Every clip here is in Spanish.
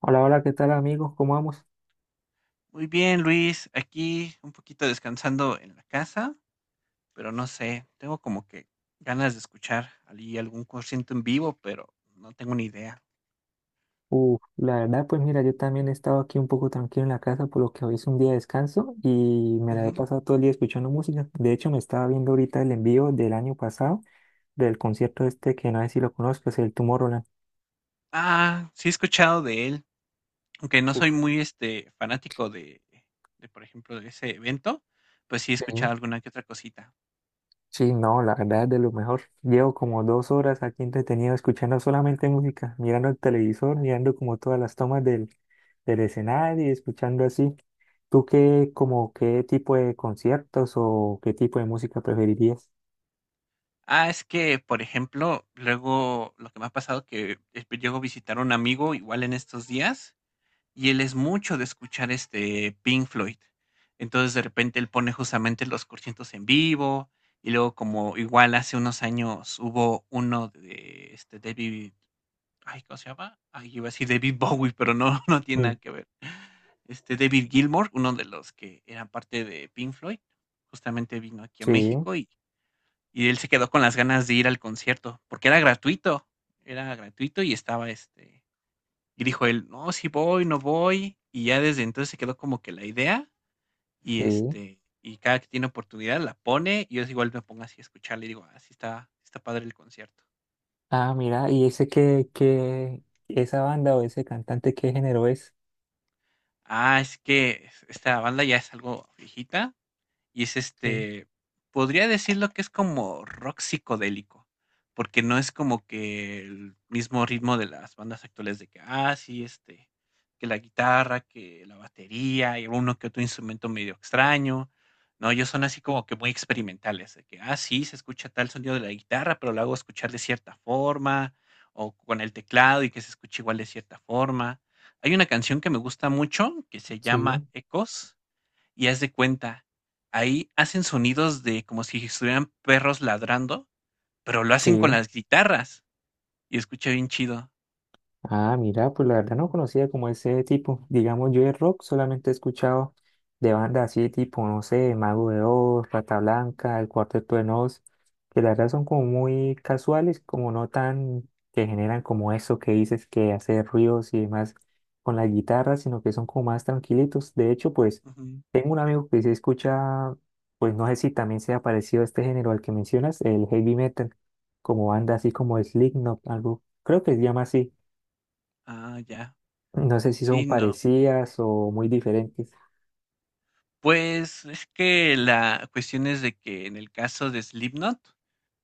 Hola, hola, ¿qué tal amigos? ¿Cómo vamos? Muy bien, Luis. Aquí un poquito descansando en la casa, pero no sé, tengo como que ganas de escuchar allí algún concierto en vivo, pero no tengo ni idea. Uf, la verdad, pues mira, yo también he estado aquí un poco tranquilo en la casa, por lo que hoy es un día de descanso y me la he Ujú. pasado todo el día escuchando música. De hecho, me estaba viendo ahorita el envío del año pasado del concierto este que no sé si lo conozco, es el Tomorrowland. Ah, sí he escuchado de él, aunque no soy Uf, muy fanático de, por ejemplo, de ese evento, pues sí he sí. escuchado alguna que otra cosita. Sí, no, la verdad es de lo mejor. Llevo como dos horas aquí entretenido escuchando solamente música, mirando el televisor, mirando como todas las tomas del escenario y escuchando así. ¿Tú qué, como qué tipo de conciertos o qué tipo de música preferirías? Ah, es que, por ejemplo, luego lo que me ha pasado que llego a visitar a un amigo igual en estos días. Y él es mucho de escuchar, Pink Floyd. Entonces, de repente, él pone justamente los conciertos en vivo, y luego como igual hace unos años hubo uno de, David, ay, ¿cómo se llama? Ay, iba a decir David Bowie, pero no, no tiene nada Mm, que ver. David Gilmour, uno de los que eran parte de Pink Floyd, justamente vino aquí a sí, México, y él se quedó con las ganas de ir al concierto, porque era gratuito, era gratuito, y estaba, este y dijo él: "No, sí voy, no voy". Y ya desde entonces se quedó como que la idea, y, sí. este, y cada que tiene oportunidad la pone, y yo igual me pongo así a escucharle y digo: "Ah, sí está padre el concierto". Ah, mira, ¿y esa banda o ese cantante qué género es? Ah, es que esta banda ya es algo viejita. Y es Sí, este, Podría decirlo que es como rock psicodélico, porque no es como que el mismo ritmo de las bandas actuales de que, ah, sí, que la guitarra, que la batería y uno que otro instrumento medio extraño. No, ellos son así como que muy experimentales, de que, ah, sí, se escucha tal sonido de la guitarra, pero lo hago escuchar de cierta forma, o con el teclado y que se escuche igual de cierta forma. Hay una canción que me gusta mucho que se sí, llama Ecos, y haz de cuenta, ahí hacen sonidos de como si estuvieran perros ladrando, pero lo hacen con sí. las guitarras y escucha bien chido. Ah, mira, pues la verdad no conocía como ese tipo. Digamos, yo de rock solamente he escuchado de bandas así tipo, no sé, Mago de Oz, Rata Blanca, El Cuarteto de Nos, que la verdad son como muy casuales, como no tan que generan como eso que dices que hace ruidos y demás con la guitarra, sino que son como más tranquilitos. De hecho, pues Ujú. tengo un amigo que se escucha, pues no sé si también sea parecido a este género al que mencionas, el heavy metal, como banda así como Slipknot, algo, creo que se llama así. Ah, ya. No sé si son Sí, no. parecidas o muy diferentes. Pues es que la cuestión es de que en el caso de Slipknot,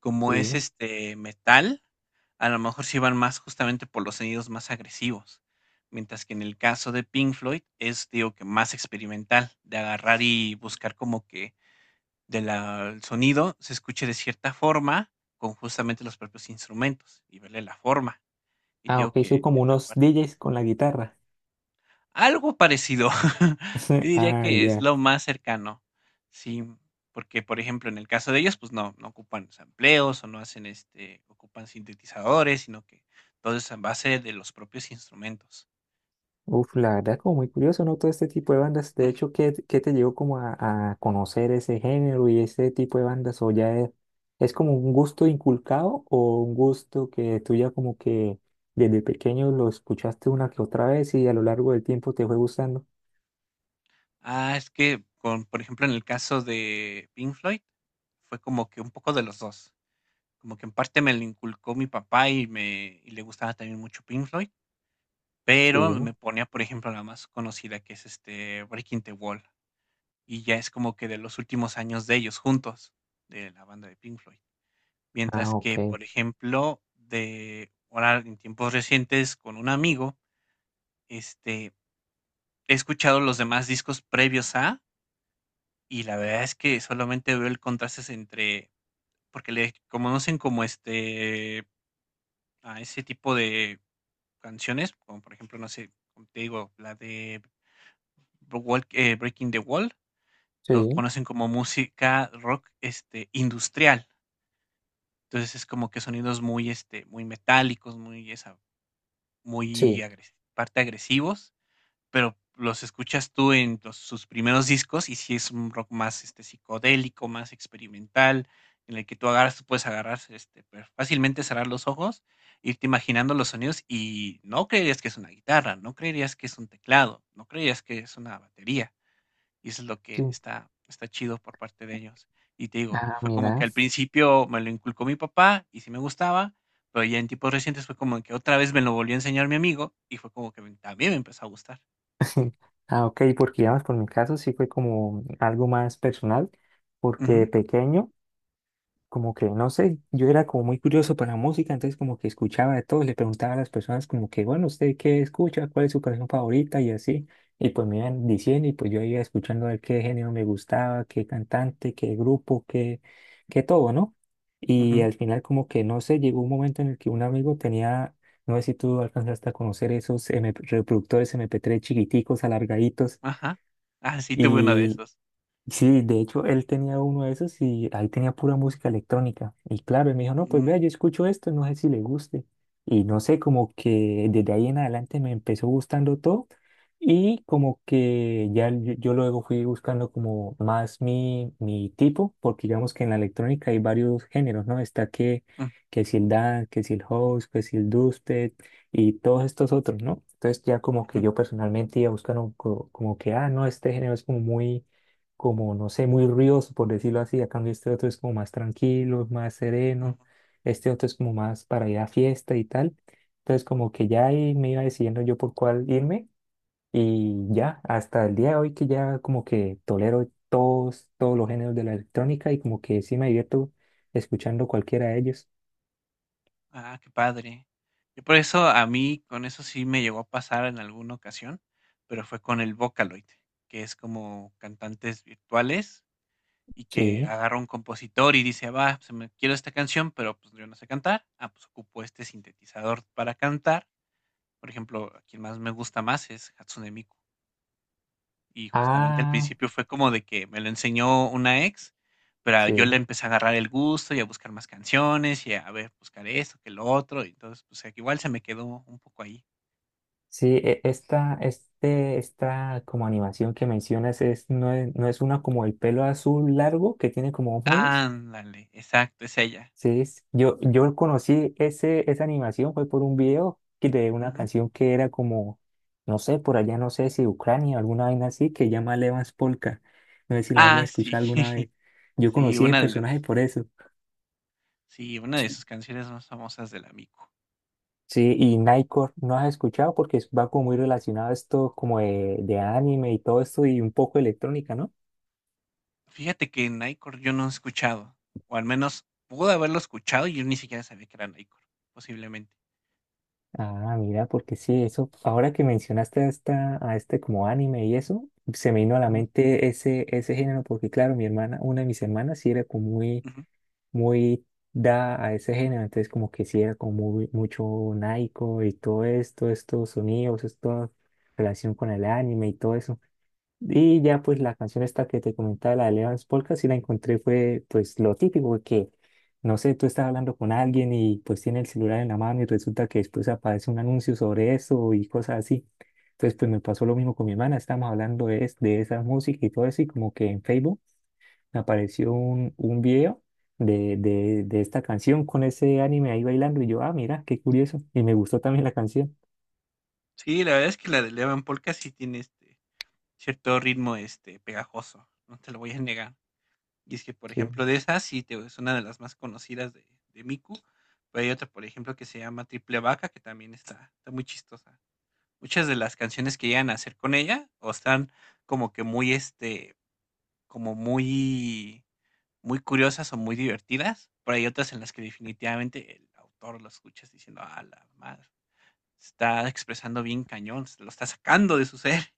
como es Sí. este metal, a lo mejor sí van más justamente por los sonidos más agresivos. Mientras que en el caso de Pink Floyd es, digo, que más experimental, de agarrar y buscar como que de la el sonido se escuche de cierta forma con justamente los propios instrumentos y verle la forma. Y te Ah, digo ok, son que como en la unos parte DJs con la guitarra. algo parecido. Yo diría Ah, que es ya. lo más cercano. Sí, porque por ejemplo, en el caso de ellos pues no ocupan sampleos o no hacen ocupan sintetizadores, sino que todo es a base de los propios instrumentos. Uf, la verdad, como muy curioso, ¿no? Todo este tipo de bandas. De Ujú. hecho, ¿qué te llevó como a conocer ese género y ese tipo de bandas? ¿O ya es como un gusto inculcado o un gusto que tú ya como que desde pequeño lo escuchaste una que otra vez y a lo largo del tiempo te fue gustando? Ah, es que con por ejemplo, en el caso de Pink Floyd, fue como que un poco de los dos. Como que en parte me lo inculcó mi papá y le gustaba también mucho Pink Floyd, pero Sí. me ponía, por ejemplo, la más conocida que es, Breaking the Wall, y ya es como que de los últimos años de ellos juntos, de la banda de Pink Floyd. Ah, Mientras que, ok. por ejemplo, de ahora en tiempos recientes con un amigo, este, he escuchado los demás discos previos a, y la verdad es que solamente veo el contraste entre, porque le conocen como, a ese tipo de canciones, como por ejemplo, no sé, como te digo, la de Breaking the Wall, los Sí, conocen como música rock, industrial. Entonces es como que sonidos muy, muy metálicos, muy, esa, sí, parte agresivos. Pero los escuchas tú en los sus primeros discos y sí es un rock más, psicodélico, más experimental, en el que tú puedes agarrar, fácilmente cerrar los ojos, irte imaginando los sonidos y no creerías que es una guitarra, no creerías que es un teclado, no creerías que es una batería. Y eso es lo que sí. está chido por parte de ellos. Y te digo, Ah, fue como mira. que al principio me lo inculcó mi papá y sí me gustaba, pero ya en tipos recientes fue como que otra vez me lo volvió a enseñar mi amigo y fue como que también me empezó a gustar. Ah, ok, porque digamos, por mi caso sí fue como algo más personal, porque de Ujú. pequeño como que, no sé, yo era como muy curioso para la música, entonces como que escuchaba de todo, le preguntaba a las personas como que, bueno, ¿usted qué escucha? ¿Cuál es su canción favorita? Y así, y pues me iban diciendo y pues yo iba escuchando a ver qué género me gustaba, qué cantante, qué grupo, qué, qué todo, ¿no? Y Ujú, al final como que, no sé, llegó un momento en el que un amigo tenía, no sé si tú alcanzaste a conocer esos MP reproductores MP3 chiquiticos, alargaditos, ajá. Ah, sí, tuve uno de y esos. sí, de hecho, él tenía uno de esos y ahí tenía pura música electrónica. Y claro, él me dijo, no, pues vea, Mm, yo escucho esto, no sé si le guste. Y no sé, como que desde ahí en adelante me empezó gustando todo y como que ya yo luego fui buscando como más mi tipo, porque digamos que en la electrónica hay varios géneros, ¿no? Está ujú, que si el dance, que si el house, que si el dubstep y todos estos otros, ¿no? Entonces ya como que ujú, yo personalmente iba buscando como que, ah, no, este género es como muy como, no sé, muy ruidoso, por decirlo así. A cambio, este otro es como más tranquilo, más ujú. sereno. Este otro es como más para ir a fiesta y tal. Entonces, como que ya ahí me iba decidiendo yo por cuál irme. Y ya, hasta el día de hoy que ya como que tolero todos los géneros de la electrónica y como que sí me divierto escuchando cualquiera de ellos. Ah, qué padre. Yo por eso a mí con eso sí me llegó a pasar en alguna ocasión, pero fue con el Vocaloid, que es como cantantes virtuales y que Sí. agarra un compositor y dice, va, se me quiero esta canción, pero pues yo no sé cantar. Ah, pues ocupo este sintetizador para cantar. Por ejemplo, a quien más me gusta más es Hatsune Miku. Y justamente al Ah, principio fue como de que me lo enseñó una ex, pero yo le sí. empecé a agarrar el gusto y a buscar más canciones y a ver, buscar esto, que lo otro. Y entonces, pues aquí igual se me quedó un poco ahí. Sí, esta como animación que mencionas es, no es, no es una como el pelo azul largo que tiene como moños. Ándale, exacto, es ella. Sí, yo, yo conocí ese, esa animación fue por un video de una Ujú. canción que era como, no sé, por allá no sé si Ucrania o alguna vaina así, que llama Levas Polka. No sé si la hayas Ah, escuchado sí. alguna vez. Yo Sí, conocí ese personaje por eso. sí, una de sus canciones más famosas del Amico. Sí, y Nightcore no has escuchado porque va como muy relacionado a esto como de anime y todo esto y un poco electrónica, ¿no? Fíjate que Nightcore yo no he escuchado, o al menos pude haberlo escuchado y yo ni siquiera sabía que era Nightcore, posiblemente. Ah, mira, porque sí, eso, ahora que mencionaste a, esta, a este como anime y eso, se me vino a la Ujú, mente ese, ese género, porque claro, mi hermana, una de mis hermanas sí era como muy, ujú. muy da a ese género, entonces como que sí era como muy, mucho naico y todo esto, estos sonidos, esta relación con el anime y todo eso. Y ya pues la canción esta que te comentaba, la de Levance Polka, sí la encontré, fue pues lo típico que, no sé, tú estás hablando con alguien y pues tiene el celular en la mano y resulta que después aparece un anuncio sobre eso y cosas así. Entonces pues me pasó lo mismo con mi hermana, estábamos hablando de, de esa música y todo eso y como que en Facebook me apareció un video de esta canción con ese anime ahí bailando y yo, ah, mira, qué curioso. Y me gustó también la canción. Sí, la verdad es que la de Levan Polka sí tiene cierto ritmo, este, pegajoso, no te lo voy a negar. Y es que, por Sí. ejemplo, de esas sí te es una de las más conocidas de Miku, pero hay otra, por ejemplo, que se llama Triple Vaca, que también está muy chistosa. Muchas de las canciones que llegan a hacer con ella, o están como que muy, este, como muy muy curiosas o muy divertidas, pero hay otras en las que definitivamente el autor lo escuchas diciendo: "Ah, la madre, se está expresando bien cañón, se lo está sacando de su ser".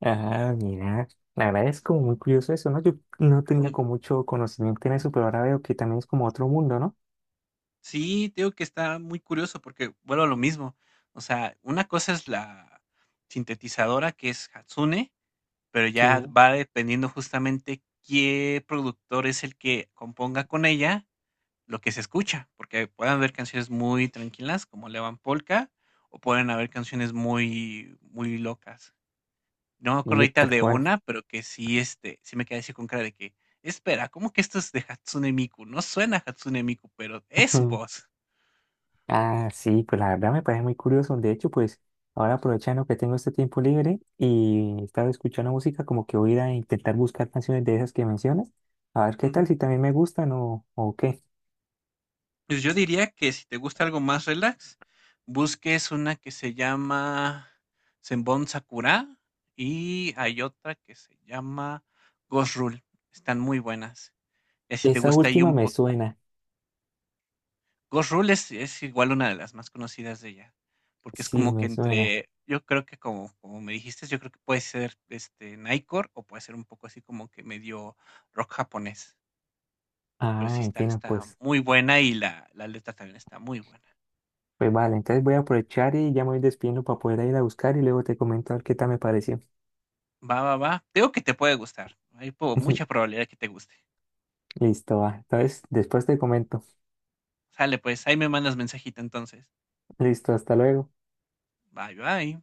Ah, mira, la verdad es como muy curioso eso, ¿no? Yo no tenía como mucho conocimiento en eso, pero ahora veo que también es como otro mundo, ¿no? Sí, te digo que está muy curioso porque vuelvo a lo mismo. O sea, una cosa es la sintetizadora que es Hatsune, pero ya Sí. va dependiendo justamente qué productor es el que componga con ella lo que se escucha, porque pueden haber canciones muy tranquilas como Levan Polka o pueden haber canciones muy muy locas. No me acuerdo Y ahorita tal de cual. una, pero que sí me quedé así con cara de que, espera, ¿cómo que esto es de Hatsune Miku? No suena a Hatsune Miku, pero es su voz. Ah, sí, pues la verdad me parece muy curioso. De hecho, pues ahora aprovechando que tengo este tiempo libre y estaba escuchando música, como que voy a ir a intentar buscar canciones de esas que mencionas, a ver qué tal, Ujú. si también me gustan o qué. Pues yo diría que si te gusta algo más relax, busques una que se llama Zenbon Sakura y hay otra que se llama Ghost Rule. Están muy buenas. Ya si te Esa gusta ahí última un me poco. suena, Ghost Rule es igual una de las más conocidas de ella, porque es sí, como que me suena. entre, yo creo que como me dijiste, yo creo que puede ser este Nightcore o puede ser un poco así como que medio rock japonés. Pero Ah, sí entiendo, está pues muy buena y la letra también está muy buena. pues vale, entonces voy a aprovechar y ya me voy despidiendo para poder ir a buscar y luego te comento a ver qué tal me pareció. Va, va, va. Creo que te puede gustar. Hay mucha probabilidad que te guste. Listo, va. Entonces, después te comento. Sale, pues, ahí me mandas mensajito entonces. Listo, hasta luego. Bye, bye.